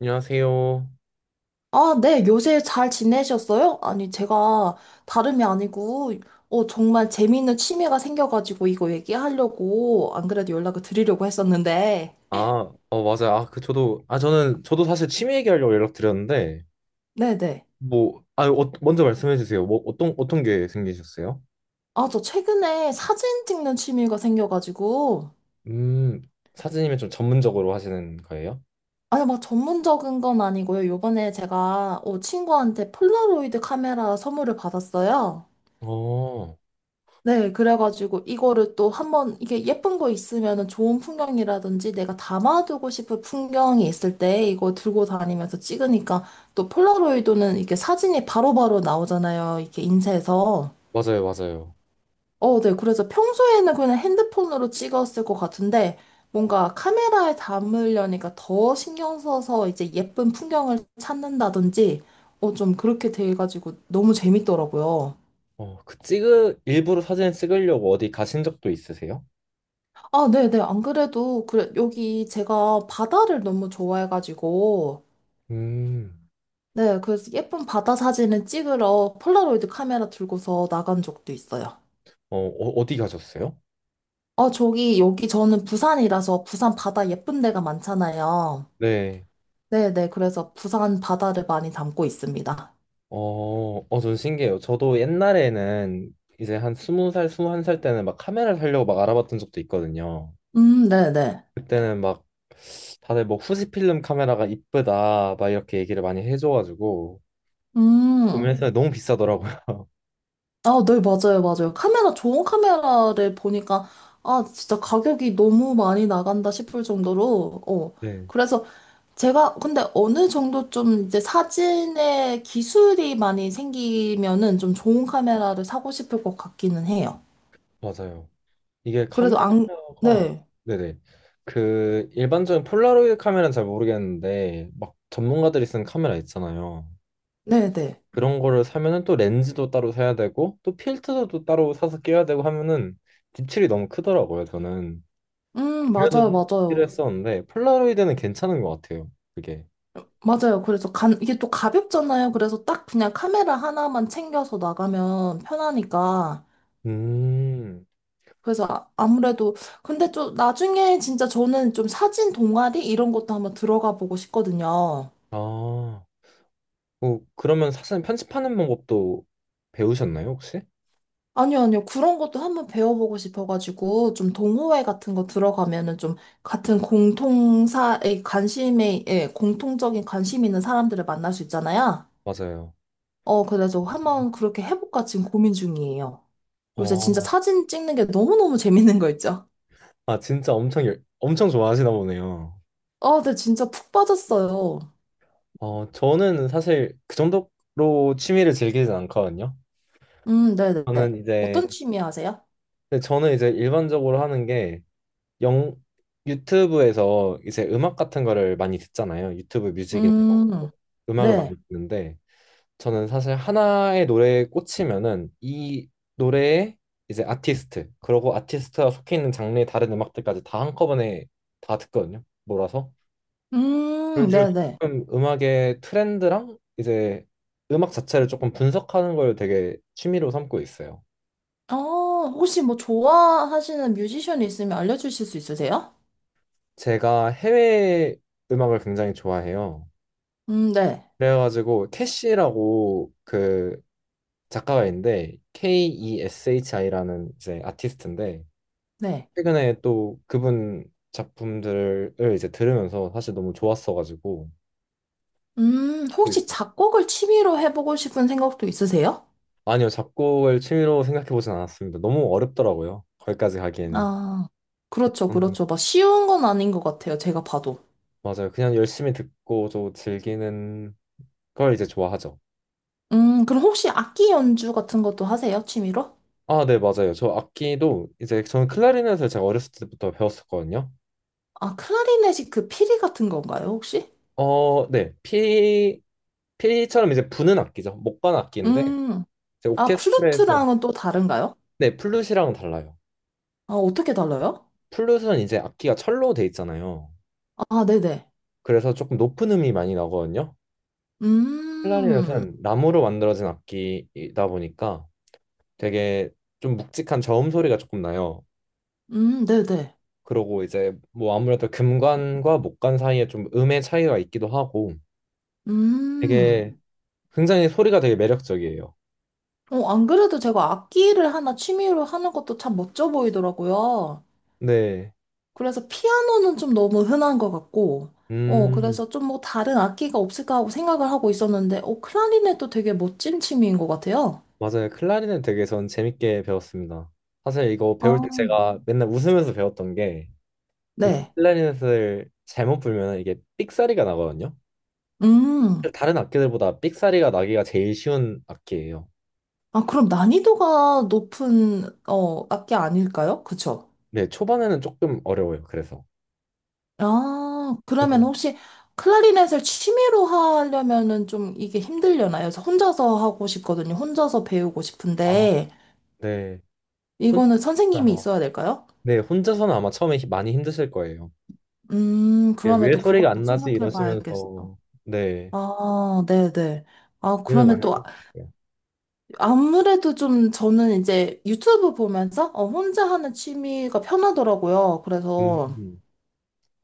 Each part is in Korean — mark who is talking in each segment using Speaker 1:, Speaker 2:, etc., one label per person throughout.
Speaker 1: 안녕하세요.
Speaker 2: 아, 네, 요새 잘 지내셨어요? 아니, 제가 다름이 아니고, 정말 재미있는 취미가 생겨가지고 이거 얘기하려고 안 그래도 연락을 드리려고 했었는데,
Speaker 1: 아, 맞아요. 저도 사실 취미 얘기하려고 연락드렸는데,
Speaker 2: 네네.
Speaker 1: 뭐, 아, 어, 먼저 말씀해 주세요. 어떤 게 생기셨어요?
Speaker 2: 아, 저 최근에 사진 찍는 취미가 생겨가지고,
Speaker 1: 음, 사진이면 좀 전문적으로 하시는 거예요?
Speaker 2: 아니, 막 전문적인 건 아니고요. 요번에 제가, 친구한테 폴라로이드 카메라 선물을 받았어요.
Speaker 1: 어,
Speaker 2: 네, 그래가지고 이거를 또 한번 이게 예쁜 거 있으면은 좋은 풍경이라든지 내가 담아두고 싶은 풍경이 있을 때 이거 들고 다니면서 찍으니까 또 폴라로이드는 이게 사진이 바로바로 나오잖아요. 이렇게 인쇄해서.
Speaker 1: 맞아요, 맞아요.
Speaker 2: 어, 네. 그래서 평소에는 그냥 핸드폰으로 찍었을 것 같은데 뭔가 카메라에 담으려니까 더 신경 써서 이제 예쁜 풍경을 찾는다든지 좀 그렇게 돼가지고 너무 재밌더라고요.
Speaker 1: 일부러 사진 찍으려고 어디 가신 적도 있으세요?
Speaker 2: 아, 네네. 안 그래도, 그래, 여기 제가 바다를 너무 좋아해가지고,
Speaker 1: 음,
Speaker 2: 네, 그래서 예쁜 바다 사진을 찍으러 폴라로이드 카메라 들고서 나간 적도 있어요.
Speaker 1: 어, 어, 어디 가셨어요?
Speaker 2: 어, 저기, 여기 저는 부산이라서 부산 바다 예쁜 데가 많잖아요.
Speaker 1: 네.
Speaker 2: 네네. 그래서 부산 바다를 많이 담고 있습니다.
Speaker 1: 어, 어, 전 신기해요. 저도 옛날에는 이제 한 스무 살, 스무 한 살 때는 막 카메라 살려고 막 알아봤던 적도 있거든요.
Speaker 2: 네네.
Speaker 1: 그때는 막 다들 뭐 후지필름 카메라가 이쁘다 막 이렇게 얘기를 많이 해줘가지고
Speaker 2: 음,
Speaker 1: 구매했는데 너무 비싸더라고요.
Speaker 2: 아, 네, 맞아요, 맞아요. 카메라, 좋은 카메라를 보니까, 아, 진짜 가격이 너무 많이 나간다 싶을 정도로, 어.
Speaker 1: 네,
Speaker 2: 그래서 제가 근데 어느 정도 좀 이제 사진에 기술이 많이 생기면은 좀 좋은 카메라를 사고 싶을 것 같기는 해요.
Speaker 1: 맞아요. 이게
Speaker 2: 그래도 안,
Speaker 1: 카메라가
Speaker 2: 네,
Speaker 1: 네네. 그 일반적인 폴라로이드 카메라는 잘 모르겠는데 막 전문가들이 쓰는 카메라 있잖아요.
Speaker 2: 네, 네.
Speaker 1: 그런 거를 사면은 또 렌즈도 따로 사야 되고 또 필터도 따로 사서 끼워야 되고 하면은 지출이 너무 크더라고요. 저는
Speaker 2: 맞아요,
Speaker 1: 그래서
Speaker 2: 맞아요.
Speaker 1: 필요했었는데 폴라로이드는 괜찮은 것 같아요. 그게.
Speaker 2: 맞아요. 그래서 간, 이게 또 가볍잖아요. 그래서 딱 그냥 카메라 하나만 챙겨서 나가면 편하니까.
Speaker 1: 음
Speaker 2: 그래서 아무래도, 근데 좀 나중에 진짜 저는 좀 사진 동아리 이런 것도 한번 들어가 보고 싶거든요.
Speaker 1: 아. 어, 그러면 사실 편집하는 방법도 배우셨나요, 혹시?
Speaker 2: 아니요, 아니요. 그런 것도 한번 배워보고 싶어가지고, 좀 동호회 같은 거 들어가면은 좀 같은 공통사에 관심에, 예, 공통적인 관심 있는 사람들을 만날 수 있잖아요.
Speaker 1: 맞아요.
Speaker 2: 그래서 한번 그렇게 해볼까 지금 고민 중이에요. 요새 진짜
Speaker 1: 어,
Speaker 2: 사진 찍는 게 너무너무 재밌는 거 있죠?
Speaker 1: 아, 진짜 엄청, 엄청 좋아하시나 보네요.
Speaker 2: 아, 네, 진짜 푹 빠졌어요.
Speaker 1: 어, 저는 사실 그 정도로 취미를 즐기진 않거든요. 저는
Speaker 2: 네네네.
Speaker 1: 이제,
Speaker 2: 어떤 취미 하세요?
Speaker 1: 근데 저는 이제 일반적으로 하는 게 영, 유튜브에서 이제 음악 같은 거를 많이 듣잖아요. 유튜브 뮤직이나 이런 거.
Speaker 2: 음,
Speaker 1: 음악을
Speaker 2: 네.
Speaker 1: 많이 듣는데, 저는 사실 하나의 노래에 꽂히면은 이 노래의 이제 아티스트, 그리고 아티스트가 속해 있는 장르의 다른 음악들까지 다 한꺼번에 다 듣거든요. 몰아서. 그런 식으로
Speaker 2: 네네.
Speaker 1: 조금 음악의 트렌드랑 이제 음악 자체를 조금 분석하는 걸 되게 취미로 삼고 있어요.
Speaker 2: 어, 혹시 뭐 좋아하시는 뮤지션이 있으면 알려주실 수 있으세요?
Speaker 1: 제가 해외 음악을 굉장히 좋아해요.
Speaker 2: 네,
Speaker 1: 그래가지고 캐시라고 그 작가가 있는데 KESHI라는 이제 아티스트인데
Speaker 2: 네.
Speaker 1: 최근에 또 그분 작품들을 이제 들으면서 사실 너무 좋았어가지고 듣고
Speaker 2: 혹시
Speaker 1: 있어요.
Speaker 2: 작곡을 취미로 해보고 싶은 생각도 있으세요?
Speaker 1: 아니요, 작곡을 취미로 생각해보진 않았습니다. 너무 어렵더라고요. 거기까지 가기에는.
Speaker 2: 아, 그렇죠,
Speaker 1: 저는
Speaker 2: 그렇죠. 막 쉬운 건 아닌 것 같아요, 제가 봐도.
Speaker 1: 맞아요. 그냥 열심히 듣고 저 즐기는 걸 이제 좋아하죠.
Speaker 2: 그럼 혹시 악기 연주 같은 것도 하세요, 취미로?
Speaker 1: 아, 네, 맞아요. 저 악기도 이제 저는 클라리넷을 제가 어렸을 때부터 배웠었거든요.
Speaker 2: 아, 클라리넷이 그 피리 같은 건가요, 혹시?
Speaker 1: 어, 네, 피 피처럼 이제 부는 악기죠. 목관 악기인데
Speaker 2: 음,
Speaker 1: 이제
Speaker 2: 아,
Speaker 1: 오케스트라에서.
Speaker 2: 플루트랑은 또 다른가요?
Speaker 1: 네, 플룻이랑은 달라요.
Speaker 2: 아, 어떻게 달라요?
Speaker 1: 플룻은 이제 악기가 철로 돼 있잖아요.
Speaker 2: 아, 네네.
Speaker 1: 그래서 조금 높은 음이 많이 나거든요. 클라리넷은
Speaker 2: 음,
Speaker 1: 나무로 만들어진 악기이다 보니까 되게 좀 묵직한 저음 소리가 조금 나요.
Speaker 2: 네네.
Speaker 1: 그러고 이제 뭐 아무래도 금관과 목관 사이에 좀 음의 차이가 있기도 하고
Speaker 2: 음.
Speaker 1: 되게 굉장히 소리가 되게 매력적이에요.
Speaker 2: 안 그래도 제가 악기를 하나 취미로 하는 것도 참 멋져 보이더라고요.
Speaker 1: 네.
Speaker 2: 그래서 피아노는 좀 너무 흔한 것 같고,
Speaker 1: 음,
Speaker 2: 그래서 좀 뭐 다른 악기가 없을까 하고 생각을 하고 있었는데, 클라리넷도 되게 멋진 취미인 것 같아요.
Speaker 1: 맞아요. 클라리넷 되게 전 재밌게 배웠습니다. 사실 이거
Speaker 2: 아,
Speaker 1: 배울 때 제가 맨날 웃으면서 배웠던 게 이
Speaker 2: 네.
Speaker 1: 클라리넷을 잘못 불면 이게 삑사리가 나거든요.
Speaker 2: 음.
Speaker 1: 다른 악기들보다 삑사리가 나기가 제일 쉬운 악기예요.
Speaker 2: 아, 그럼 난이도가 높은, 악기 아닐까요? 그쵸?
Speaker 1: 네, 초반에는 조금 어려워요. 그래서.
Speaker 2: 아, 그러면
Speaker 1: 그래서,
Speaker 2: 혹시 클라리넷을 취미로 하려면은 좀 이게 힘들려나요? 그래서 혼자서 하고 싶거든요. 혼자서 배우고
Speaker 1: 아,
Speaker 2: 싶은데,
Speaker 1: 네. 혼자서는
Speaker 2: 이거는 선생님이
Speaker 1: 아마,
Speaker 2: 있어야 될까요?
Speaker 1: 네, 혼자서는 아마 처음에 많이 힘드실 거예요. 이게
Speaker 2: 그러면
Speaker 1: 왜 네.
Speaker 2: 또
Speaker 1: 소리가
Speaker 2: 그것도
Speaker 1: 안 나지?
Speaker 2: 생각해 봐야겠어.
Speaker 1: 이러시면서, 네,
Speaker 2: 아, 네네. 아,
Speaker 1: 고민을
Speaker 2: 그러면
Speaker 1: 많이
Speaker 2: 또
Speaker 1: 하실 거예요.
Speaker 2: 아무래도 좀 저는 이제 유튜브 보면서 혼자 하는 취미가 편하더라고요. 그래서,
Speaker 1: 음,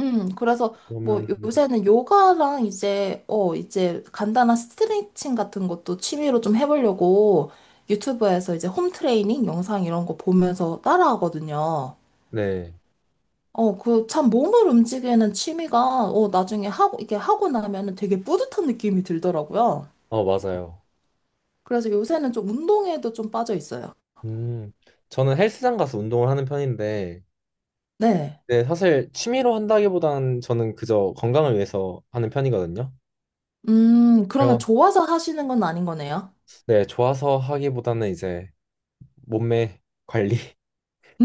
Speaker 2: 그래서 뭐
Speaker 1: 그러면,
Speaker 2: 요새는 요가랑 이제, 이제 간단한 스트레칭 같은 것도 취미로 좀 해보려고 유튜브에서 이제 홈 트레이닝 영상 이런 거 보면서 따라하거든요.
Speaker 1: 네,
Speaker 2: 그 참 몸을 움직이는 취미가 나중에 하고, 이게 하고 나면은 되게 뿌듯한 느낌이 들더라고요.
Speaker 1: 어, 맞아요.
Speaker 2: 그래서 요새는 좀 운동에도 좀 빠져 있어요.
Speaker 1: 음, 저는 헬스장 가서 운동을 하는 편인데,
Speaker 2: 네.
Speaker 1: 네, 사실 취미로 한다기보다는 저는 그저 건강을 위해서 하는 편이거든요.
Speaker 2: 그러면
Speaker 1: 그래서
Speaker 2: 좋아서 하시는 건 아닌 거네요.
Speaker 1: 네, 좋아서 하기보다는 이제 몸매 관리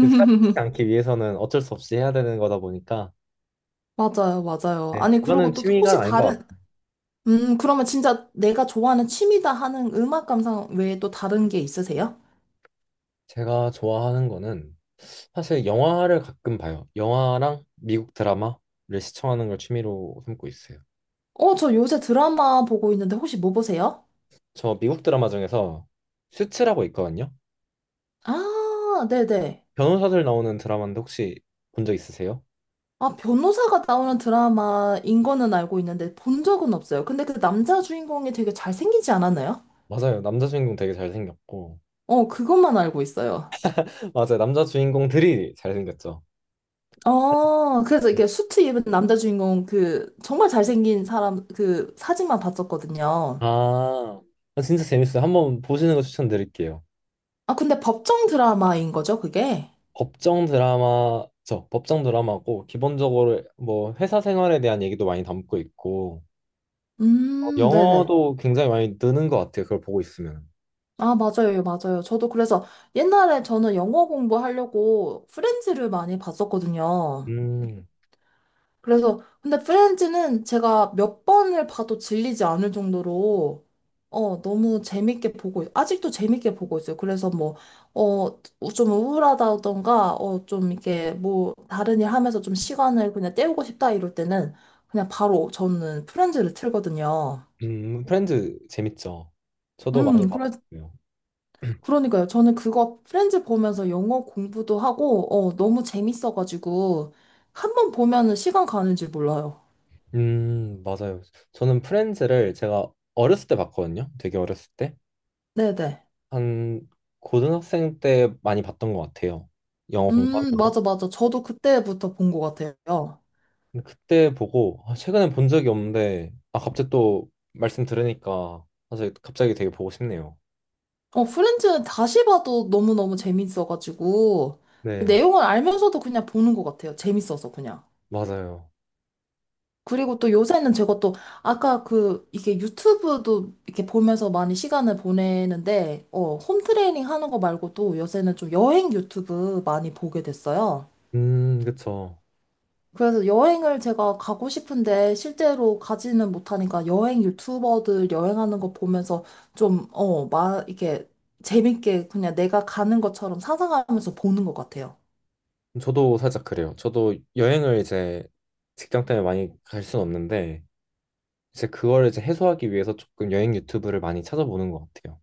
Speaker 1: 살지 않기 위해서는 어쩔 수 없이 해야 되는 거다 보니까
Speaker 2: 맞아요, 맞아요.
Speaker 1: 네,
Speaker 2: 아니,
Speaker 1: 그거는
Speaker 2: 그리고 또
Speaker 1: 취미가
Speaker 2: 혹시
Speaker 1: 아닌 것 같아요.
Speaker 2: 다른, 그러면 진짜 내가 좋아하는 취미다 하는 음악 감상 외에 또 다른 게 있으세요?
Speaker 1: 제가 좋아하는 거는 사실 영화를 가끔 봐요. 영화랑 미국 드라마를 시청하는 걸 취미로 삼고 있어요.
Speaker 2: 저 요새 드라마 보고 있는데 혹시 뭐 보세요?
Speaker 1: 저 미국 드라마 중에서 슈츠라고 있거든요.
Speaker 2: 아, 네네.
Speaker 1: 변호사들 나오는 드라마인데 혹시 본 적 있으세요?
Speaker 2: 아, 변호사가 나오는 드라마인 거는 알고 있는데 본 적은 없어요. 근데 그 남자 주인공이 되게 잘생기지 않았나요?
Speaker 1: 맞아요. 남자 주인공 되게 잘생겼고.
Speaker 2: 어, 그것만 알고 있어요.
Speaker 1: 맞아요. 남자 주인공들이 잘생겼죠.
Speaker 2: 어, 그래서
Speaker 1: 네.
Speaker 2: 이게 렇 수트 입은 남자 주인공 그 정말 잘생긴 사람 그 사진만 봤었거든요.
Speaker 1: 아, 진짜 재밌어요. 한번 보시는 거 추천드릴게요.
Speaker 2: 아, 근데 법정 드라마인 거죠, 그게?
Speaker 1: 법정 드라마, 저 법정 드라마고 기본적으로 뭐 회사 생활에 대한 얘기도 많이 담고 있고 어,
Speaker 2: 네네.
Speaker 1: 영어도 굉장히 많이 느는 것 같아요. 그걸 보고 있으면.
Speaker 2: 아, 맞아요, 맞아요. 저도 그래서 옛날에 저는 영어 공부하려고 프렌즈를 많이 봤었거든요.
Speaker 1: 음,
Speaker 2: 그래서 근데 프렌즈는 제가 몇 번을 봐도 질리지 않을 정도로 너무 재밌게 아직도 재밌게 보고 있어요. 그래서 뭐어좀 우울하다던가 좀 이렇게 뭐 다른 일 하면서 좀 시간을 그냥 때우고 싶다 이럴 때는 그냥 바로 저는 프렌즈를 틀거든요.
Speaker 1: 프렌즈 재밌죠. 저도 많이
Speaker 2: 그래,
Speaker 1: 봤어요.
Speaker 2: 그러니까요. 저는 그거 프렌즈 보면서 영어 공부도 하고 너무 재밌어가지고 한 번 보면은 시간 가는 줄 몰라요.
Speaker 1: 맞아요. 저는 프렌즈를 제가 어렸을 때 봤거든요. 되게 어렸을 때.
Speaker 2: 네네.
Speaker 1: 한 고등학생 때 많이 봤던 것 같아요. 영어 공부하면서.
Speaker 2: 맞아, 맞아. 저도 그때부터 본 것 같아요.
Speaker 1: 근데 그때 보고 아, 최근에 본 적이 없는데 아 갑자기 또 말씀 들으니까 사실 갑자기 되게 보고 싶네요.
Speaker 2: 어, 프렌즈는 다시 봐도 너무너무 재밌어가지고, 그
Speaker 1: 네,
Speaker 2: 내용을 알면서도 그냥 보는 것 같아요. 재밌어서 그냥.
Speaker 1: 맞아요.
Speaker 2: 그리고 또 요새는 제가 또, 아까 그, 이게 유튜브도 이렇게 보면서 많이 시간을 보내는데, 홈트레이닝 하는 거 말고도 요새는 좀 여행 유튜브 많이 보게 됐어요.
Speaker 1: 그쵸.
Speaker 2: 그래서 여행을 제가 가고 싶은데 실제로 가지는 못하니까 여행 유튜버들 여행하는 거 보면서 좀, 막 이게 재밌게 그냥 내가 가는 것처럼 상상하면서 보는 것 같아요.
Speaker 1: 저도 살짝 그래요. 저도 여행을 이제 직장 때문에 많이 갈 수는 없는데 이제 그걸 이제 해소하기 위해서 조금 여행 유튜브를 많이 찾아보는 것 같아요.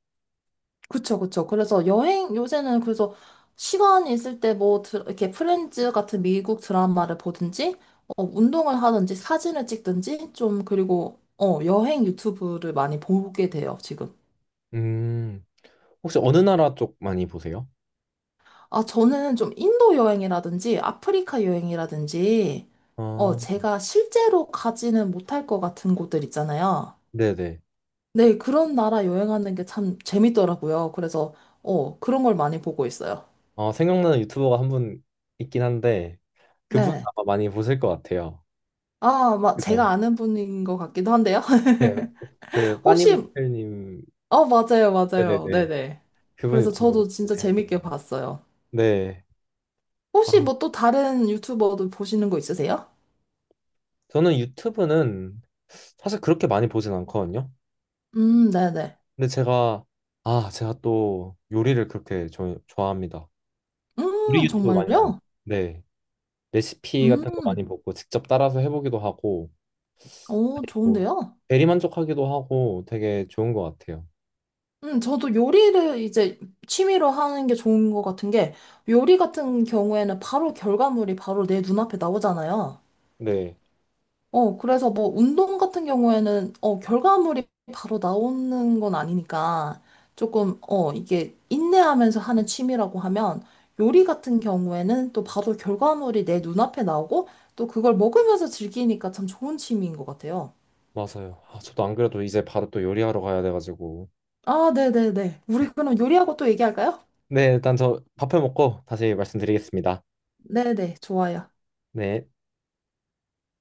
Speaker 2: 그쵸, 그쵸. 그래서 여행, 요새는 그래서 시간이 있을 때 뭐, 이렇게 프렌즈 같은 미국 드라마를 보든지, 운동을 하든지, 사진을 찍든지, 좀, 그리고, 여행 유튜브를 많이 보게 돼요, 지금.
Speaker 1: 음, 혹시 어느 나라 쪽 많이 보세요?
Speaker 2: 아, 저는 좀 인도 여행이라든지 아프리카 여행이라든지,
Speaker 1: 아,
Speaker 2: 제가 실제로 가지는 못할 것 같은 곳들 있잖아요.
Speaker 1: 네네.
Speaker 2: 네, 그런 나라 여행하는 게 참 재밌더라고요. 그래서, 그런 걸 많이 보고 있어요.
Speaker 1: 아, 생각나는 유튜버가 한 분 있긴 한데 그분
Speaker 2: 네.
Speaker 1: 아마 많이 보실 것 같아요.
Speaker 2: 아, 막 제가
Speaker 1: 그죠?
Speaker 2: 아는 분인 것 같기도 한데요.
Speaker 1: 네, 그
Speaker 2: 혹시,
Speaker 1: 빠니모텔님.
Speaker 2: 맞아요, 맞아요.
Speaker 1: 네네네.
Speaker 2: 네네.
Speaker 1: 그분
Speaker 2: 그래서
Speaker 1: 유튜브
Speaker 2: 저도 진짜 재밌게
Speaker 1: 재밌고요.
Speaker 2: 봤어요.
Speaker 1: 네. 아,
Speaker 2: 혹시 뭐 또 다른 유튜버도 보시는 거 있으세요?
Speaker 1: 저는 유튜브는 사실 그렇게 많이 보진 않거든요.
Speaker 2: 네네.
Speaker 1: 근데 제가 또 요리를 좋아합니다. 요리 유튜브 많이 봐요.
Speaker 2: 정말요?
Speaker 1: 네. 레시피 같은 거 많이
Speaker 2: 음.
Speaker 1: 보고 직접 따라서 해보기도 하고
Speaker 2: 오,
Speaker 1: 뭐
Speaker 2: 좋은데요?
Speaker 1: 대리만족하기도 하고 되게 좋은 것 같아요.
Speaker 2: 저도 요리를 이제 취미로 하는 게 좋은 것 같은 게, 요리 같은 경우에는 바로 결과물이 바로 내 눈앞에 나오잖아요.
Speaker 1: 네,
Speaker 2: 그래서 뭐 운동 같은 경우에는, 결과물이 바로 나오는 건 아니니까, 조금, 이게 인내하면서 하는 취미라고 하면, 요리 같은 경우에는 또 바로 결과물이 내 눈앞에 나오고, 또 그걸 먹으면서 즐기니까 참 좋은 취미인 것 같아요.
Speaker 1: 맞아요. 아, 저도 안 그래도 이제 바로 또 요리하러 가야 돼가지고
Speaker 2: 아, 네네네. 우리 그럼 요리하고 또 얘기할까요?
Speaker 1: 네 일단 저 밥해 먹고 다시 말씀드리겠습니다.
Speaker 2: 네네, 좋아요.
Speaker 1: 네.